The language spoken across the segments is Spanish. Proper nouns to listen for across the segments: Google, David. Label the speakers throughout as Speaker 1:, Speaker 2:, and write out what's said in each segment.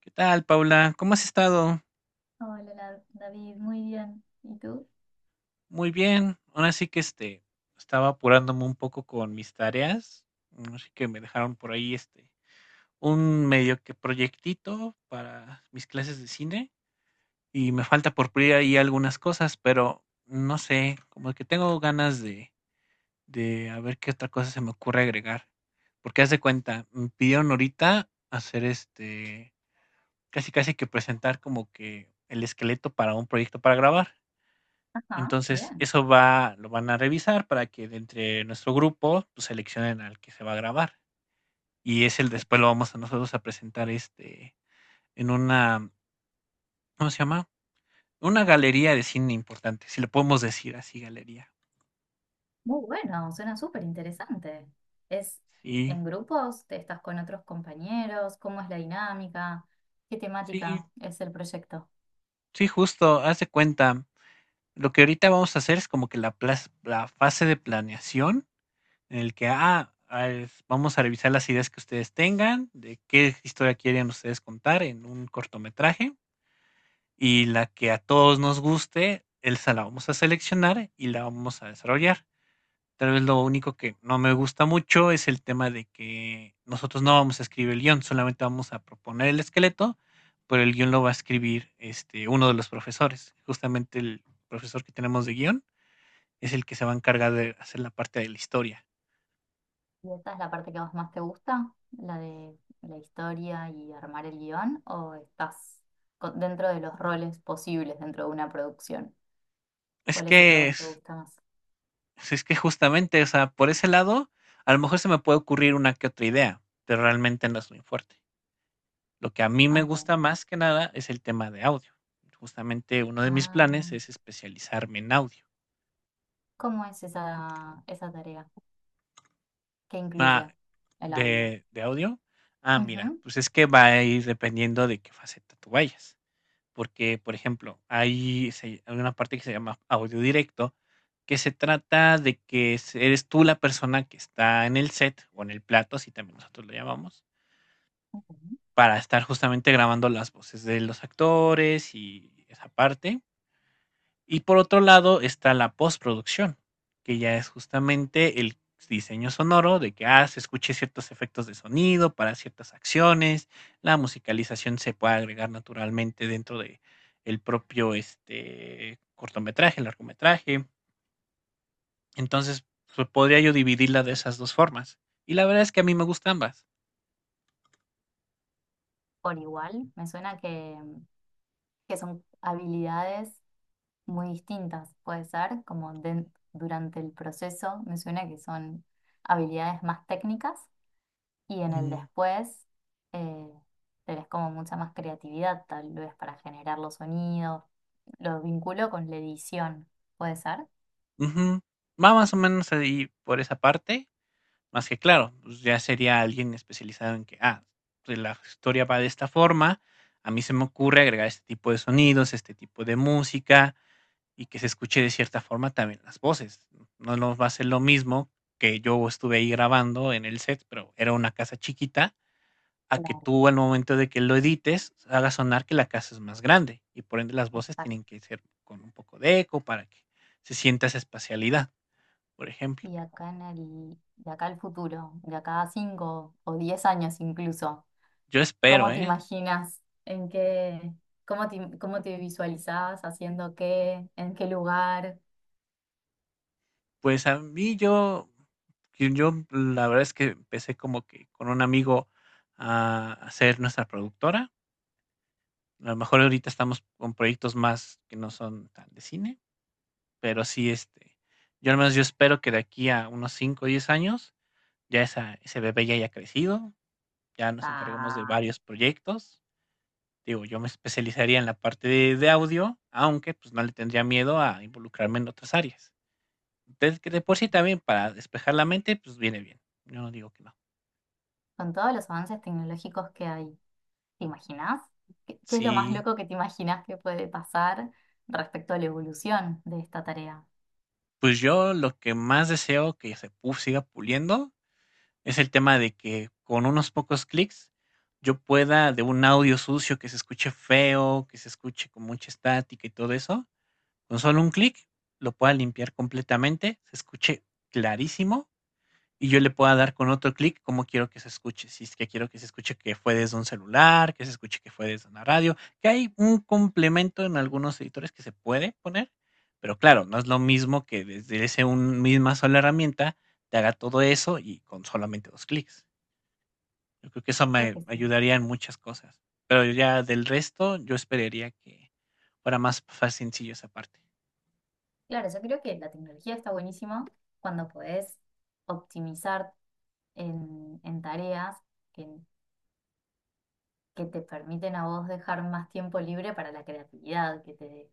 Speaker 1: ¿Qué tal, Paula? ¿Cómo has estado?
Speaker 2: Hola, David, muy bien. ¿Y tú?
Speaker 1: Muy bien. Ahora sí que estaba apurándome un poco con mis tareas. Así que me dejaron por ahí un medio que proyectito para mis clases de cine y me falta por pulir ahí algunas cosas, pero no sé, como que tengo ganas de a ver qué otra cosa se me ocurre agregar. Porque haz de cuenta, me pidieron ahorita hacer casi casi que presentar como que el esqueleto para un proyecto para grabar.
Speaker 2: Ajá,
Speaker 1: Entonces,
Speaker 2: bien.
Speaker 1: eso va, lo van a revisar para que de entre nuestro grupo, pues, seleccionen al que se va a grabar. Y es el después lo vamos a nosotros a presentar, este, en una, ¿cómo se llama? Una galería de cine importante, si le podemos decir así, galería.
Speaker 2: Muy bueno, suena súper interesante. ¿Es
Speaker 1: Sí,
Speaker 2: en grupos? ¿Te estás con otros compañeros? ¿Cómo es la dinámica? ¿Qué
Speaker 1: sí,
Speaker 2: temática es el proyecto?
Speaker 1: sí, justo, haz de cuenta. Lo que ahorita vamos a hacer es como que la plas la fase de planeación en el que, es vamos a revisar las ideas que ustedes tengan, de qué historia quieren ustedes contar en un cortometraje. Y la que a todos nos guste, esa la vamos a seleccionar y la vamos a desarrollar. Tal vez lo único que no me gusta mucho es el tema de que nosotros no vamos a escribir el guión, solamente vamos a proponer el esqueleto, pero el guión lo va a escribir este, uno de los profesores. Justamente el profesor que tenemos de guión es el que se va a encargar de hacer la parte de la historia.
Speaker 2: ¿Y esta es la parte que a vos más te gusta? ¿La de la historia y armar el guión? ¿O estás dentro de los roles posibles dentro de una producción?
Speaker 1: Es
Speaker 2: ¿Cuál es el que a
Speaker 1: que,
Speaker 2: vos te
Speaker 1: es,
Speaker 2: gusta más?
Speaker 1: es que justamente, o sea, por ese lado, a lo mejor se me puede ocurrir una que otra idea, pero realmente no es muy fuerte. Lo que a mí me gusta
Speaker 2: Ok.
Speaker 1: más que nada es el tema de audio. Justamente uno de mis
Speaker 2: Ah,
Speaker 1: planes es especializarme en audio.
Speaker 2: ¿cómo es esa tarea? ¿Qué
Speaker 1: Ah,
Speaker 2: incluye el audio?
Speaker 1: ¿de audio? Ah, mira,
Speaker 2: Ujú,
Speaker 1: pues es que va a ir dependiendo de qué faceta tú vayas. Porque, por ejemplo, hay una parte que se llama audio directo, que se trata de que eres tú la persona que está en el set o en el plato, así también nosotros lo llamamos,
Speaker 2: ujú.
Speaker 1: para estar justamente grabando las voces de los actores y esa parte. Y por otro lado está la postproducción, que ya es justamente el diseño sonoro de que, se escuche ciertos efectos de sonido para ciertas acciones, la musicalización se puede agregar naturalmente dentro de el propio, este, cortometraje, largometraje. Entonces, pues, podría yo dividirla de esas 2 formas. Y la verdad es que a mí me gustan ambas.
Speaker 2: Por igual, me suena que son habilidades muy distintas, puede ser, como durante el proceso, me suena que son habilidades más técnicas y en el
Speaker 1: Mm,
Speaker 2: después eh, tenés como mucha más creatividad, tal vez para generar los sonidos, lo vinculo con la edición, puede ser.
Speaker 1: ujú. Va más o menos ahí por esa parte. Más que claro, pues ya sería alguien especializado en que, pues la historia va de esta forma, a mí se me ocurre agregar este tipo de sonidos, este tipo de música y que se escuche de cierta forma también las voces. No nos va a ser lo mismo que yo estuve ahí grabando en el set, pero era una casa chiquita, a que
Speaker 2: Claro,
Speaker 1: tú al momento de que lo edites hagas sonar que la casa es más grande y por ende las voces tienen
Speaker 2: exacto.
Speaker 1: que ser con un poco de eco para que se sienta esa espacialidad, por ejemplo.
Speaker 2: Y acá en el, de acá al futuro, de acá a 5 o 10 años incluso.
Speaker 1: Yo espero,
Speaker 2: ¿Cómo te
Speaker 1: ¿eh?
Speaker 2: imaginas? ¿En qué? ¿Cómo te visualizabas haciendo qué? ¿En qué lugar?
Speaker 1: Pues a mí yo, la verdad es que empecé como que con un amigo a hacer nuestra productora. A lo mejor ahorita estamos con proyectos más que no son tan de cine, pero sí, este, yo al menos yo espero que de aquí a unos 5 o 10 años ya esa, ese bebé ya haya crecido, ya nos encarguemos de
Speaker 2: Ah,
Speaker 1: varios proyectos. Digo, yo me especializaría en la parte de audio, aunque pues no le tendría miedo a involucrarme en otras áreas. Entonces, que de por sí también para despejar la mente, pues viene bien. Yo no digo que no.
Speaker 2: con todos los avances tecnológicos que hay, ¿te imaginas? ¿Qué es lo más
Speaker 1: Sí,
Speaker 2: loco que te imaginas que puede pasar respecto a la evolución de esta tarea?
Speaker 1: pues yo lo que más deseo que siga puliendo es el tema de que con unos pocos clics yo pueda de un audio sucio que se escuche feo, que se escuche con mucha estática y todo eso, con solo un clic lo pueda limpiar completamente, se escuche clarísimo y yo le pueda dar con otro clic cómo quiero que se escuche. Si es que quiero que se escuche que fue desde un celular, que se escuche que fue desde una radio, que hay un complemento en algunos editores que se puede poner, pero claro, no es lo mismo que desde misma sola herramienta te haga todo eso y con solamente dos clics. Yo creo que eso
Speaker 2: Creo
Speaker 1: me
Speaker 2: que sí.
Speaker 1: ayudaría en muchas cosas. Pero ya del resto, yo esperaría que fuera más fácil, sencillo esa parte.
Speaker 2: Claro, yo creo que la tecnología está buenísima cuando podés optimizar en tareas que que te permiten a vos dejar más tiempo libre para la creatividad,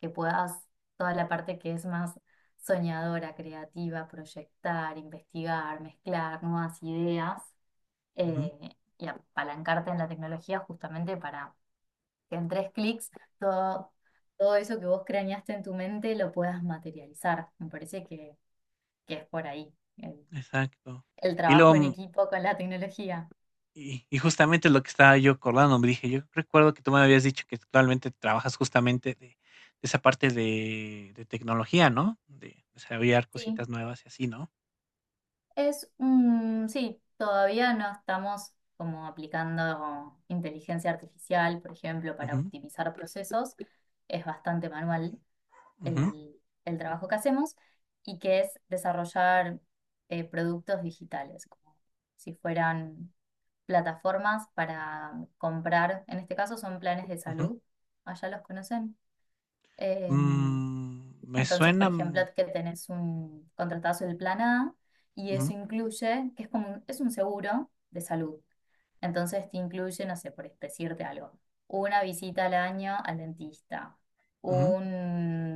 Speaker 2: que puedas toda la parte que es más soñadora, creativa, proyectar, investigar, mezclar nuevas ideas
Speaker 1: Ujú,
Speaker 2: y apalancarte en la tecnología justamente para que en tres clics todo, todo eso que vos craneaste en tu mente lo puedas materializar. Me parece que es por ahí el
Speaker 1: exacto. Y
Speaker 2: trabajo en
Speaker 1: luego
Speaker 2: equipo con la tecnología.
Speaker 1: y justamente lo que estaba yo acordando, me dije, yo recuerdo que tú me habías dicho que actualmente trabajas justamente de esa parte de tecnología, ¿no? De desarrollar
Speaker 2: Sí.
Speaker 1: cositas nuevas y así, ¿no?
Speaker 2: Sí, todavía no estamos como aplicando inteligencia artificial, por ejemplo, para
Speaker 1: Ujú,
Speaker 2: optimizar procesos. Es bastante manual
Speaker 1: ujú,
Speaker 2: el, el trabajo que hacemos y que es desarrollar productos digitales, como si fueran plataformas para comprar. En este caso son planes de
Speaker 1: ujú.
Speaker 2: salud. Allá los conocen. Em,
Speaker 1: Me
Speaker 2: entonces, por
Speaker 1: suena,
Speaker 2: ejemplo, que tenés un contratazo del plan A y eso
Speaker 1: ujú,
Speaker 2: incluye, que es como, es un seguro de salud. Entonces te incluye, no sé, por decirte algo, una visita al año al dentista,
Speaker 1: ujú.
Speaker 2: un-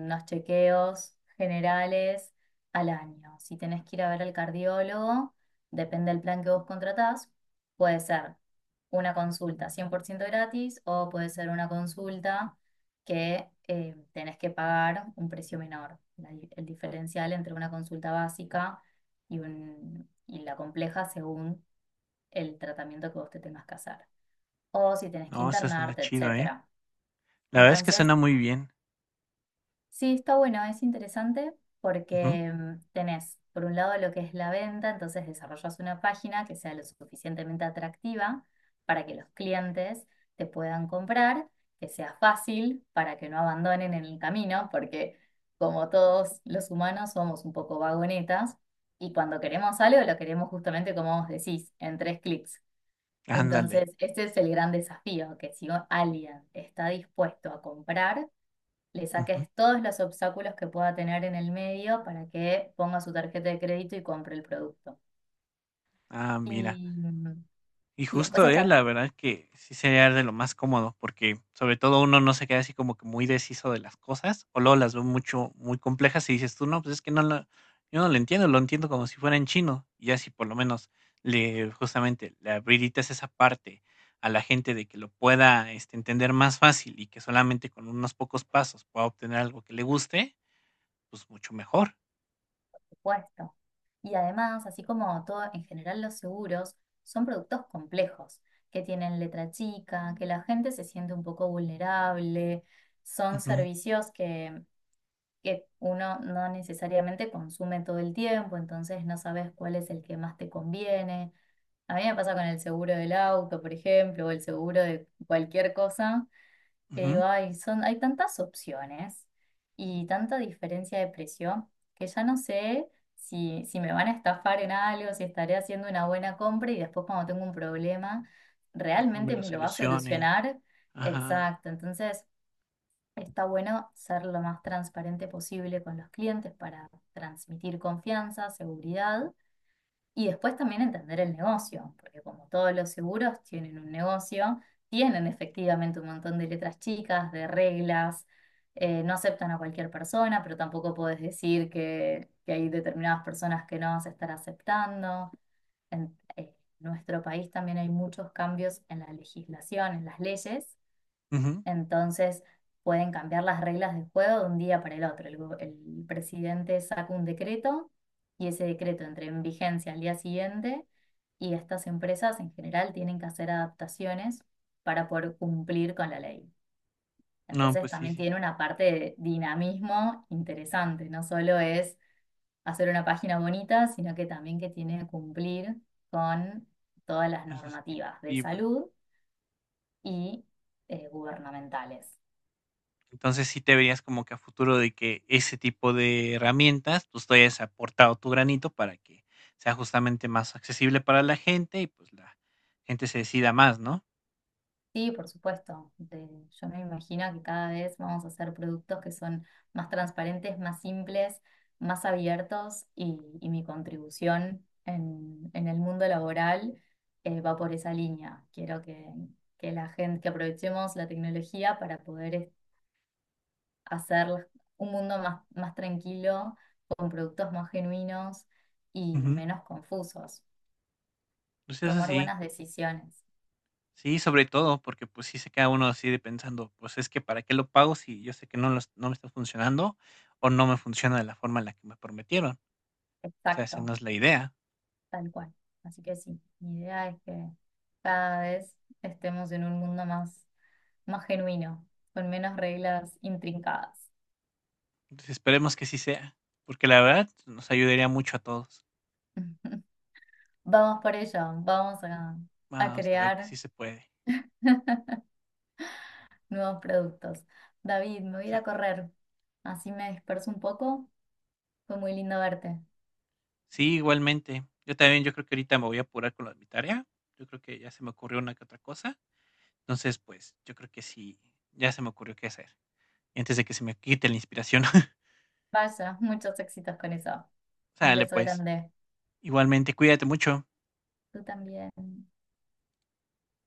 Speaker 2: unos chequeos generales al año. Si tenés que ir a ver al cardiólogo, depende del plan que vos contratás, puede ser una consulta 100% gratis o puede ser una consulta que tenés que pagar un precio menor. El diferencial entre una consulta básica y, y la compleja según el tratamiento que vos te tengas que hacer. O si tenés que
Speaker 1: No, eso suena
Speaker 2: internarte,
Speaker 1: chido, ¿eh?
Speaker 2: etcétera.
Speaker 1: La verdad es que
Speaker 2: Entonces,
Speaker 1: suena muy bien.
Speaker 2: sí, está bueno, es interesante
Speaker 1: Ujú,
Speaker 2: porque tenés, por un lado, lo que es la venta, entonces desarrollas una página que sea lo suficientemente atractiva para que los clientes te puedan comprar, que sea fácil para que no abandonen en el camino, porque como todos los humanos somos un poco vagonetas y cuando queremos algo lo queremos justamente como vos decís, en tres clics.
Speaker 1: ándale.
Speaker 2: Entonces, ese es el gran desafío, que si alguien está dispuesto a comprar, le
Speaker 1: Ujú.
Speaker 2: saques todos los obstáculos que pueda tener en el medio para que ponga su tarjeta de crédito y compre el producto.
Speaker 1: Ah,
Speaker 2: Y,
Speaker 1: mira. Y
Speaker 2: y después
Speaker 1: justo, ¿eh?
Speaker 2: está
Speaker 1: La verdad que sí sería de lo más cómodo, porque sobre todo uno no se queda así como que muy deshizo de las cosas, o luego las ve mucho, muy complejas y dices tú, no, pues es que no lo, yo no lo entiendo, lo entiendo como si fuera en chino. Y ya si por lo menos le, justamente, le habilitas esa parte a la gente de que lo pueda este, entender más fácil y que solamente con unos pocos pasos pueda obtener algo que le guste, pues mucho mejor.
Speaker 2: tu puesto. Y además, así como todo, en general los seguros son productos complejos, que tienen letra chica, que la gente se siente un poco vulnerable, son
Speaker 1: Ujú,
Speaker 2: servicios que uno no necesariamente consume todo el tiempo, entonces no sabes cuál es el que más te conviene. A mí me pasa con el seguro del auto, por ejemplo, o el seguro de cualquier cosa, que digo,
Speaker 1: ujú,
Speaker 2: ay, son, hay tantas opciones y tanta diferencia de precio que ya no sé si me van a estafar en algo, si estaré haciendo una buena compra y después cuando tengo un problema,
Speaker 1: No me
Speaker 2: ¿realmente
Speaker 1: lo
Speaker 2: me lo va a
Speaker 1: solucionen.
Speaker 2: solucionar?
Speaker 1: Ajá.
Speaker 2: Exacto, entonces está bueno ser lo más transparente posible con los clientes para transmitir confianza, seguridad y después también entender el negocio, porque como todos los seguros tienen un negocio, tienen efectivamente un montón de letras chicas, de reglas, no aceptan a cualquier persona, pero tampoco podés decir que hay determinadas personas que no vas a estar aceptando. En Nuestro país también hay muchos cambios en la legislación, en las leyes,
Speaker 1: Ujú.
Speaker 2: entonces pueden cambiar las reglas del juego de un día para el otro. El presidente saca un decreto y ese decreto entra en vigencia al día siguiente y estas empresas en general tienen que hacer adaptaciones para poder cumplir con la ley.
Speaker 1: No,
Speaker 2: Entonces
Speaker 1: pues sí,
Speaker 2: también
Speaker 1: sí.
Speaker 2: tiene una parte de dinamismo interesante. No solo es hacer una página bonita, sino que también que tiene que cumplir con todas las
Speaker 1: Las
Speaker 2: normativas de
Speaker 1: expectativas.
Speaker 2: salud y gubernamentales.
Speaker 1: Entonces sí te verías como que a futuro de que ese tipo de herramientas, pues tú hayas aportado tu granito para que sea justamente más accesible para la gente y pues la gente se decida más, ¿no?
Speaker 2: Sí, por supuesto. Yo me imagino que cada vez vamos a hacer productos que son más transparentes, más simples, más abiertos y mi contribución en el mundo laboral va por esa línea. Quiero que la gente, que aprovechemos la tecnología para poder hacer un mundo más, más tranquilo, con productos más genuinos y
Speaker 1: Ujú.
Speaker 2: menos confusos.
Speaker 1: Pues eso
Speaker 2: Tomar
Speaker 1: sí,
Speaker 2: buenas decisiones.
Speaker 1: sí, sobre todo, porque pues sí se queda uno así de pensando, pues es que para qué lo pago si yo sé que no, no me está funcionando o no me funciona de la forma en la que me prometieron. O sea, esa no
Speaker 2: Exacto.
Speaker 1: es la idea.
Speaker 2: Tal cual. Así que sí, mi idea es que cada vez estemos en un mundo más, más genuino, con menos reglas intrincadas.
Speaker 1: Entonces esperemos que sí sea, porque la verdad nos ayudaría mucho a todos.
Speaker 2: Vamos por ello, vamos a
Speaker 1: Vamos a ver que
Speaker 2: crear
Speaker 1: sí se puede.
Speaker 2: nuevos productos. David, me voy a ir a
Speaker 1: Sale.
Speaker 2: correr, así me disperso un poco. Fue muy lindo verte.
Speaker 1: Sí, igualmente. Yo también, yo creo que ahorita me voy a apurar con lo de mi tarea. Yo creo que ya se me ocurrió una que otra cosa. Entonces, pues, yo creo que sí, ya se me ocurrió qué hacer. Antes de que se me quite la inspiración.
Speaker 2: Vaya, muchos éxitos con eso. Un
Speaker 1: Sale,
Speaker 2: beso
Speaker 1: pues.
Speaker 2: grande.
Speaker 1: Igualmente, cuídate mucho.
Speaker 2: Tú también.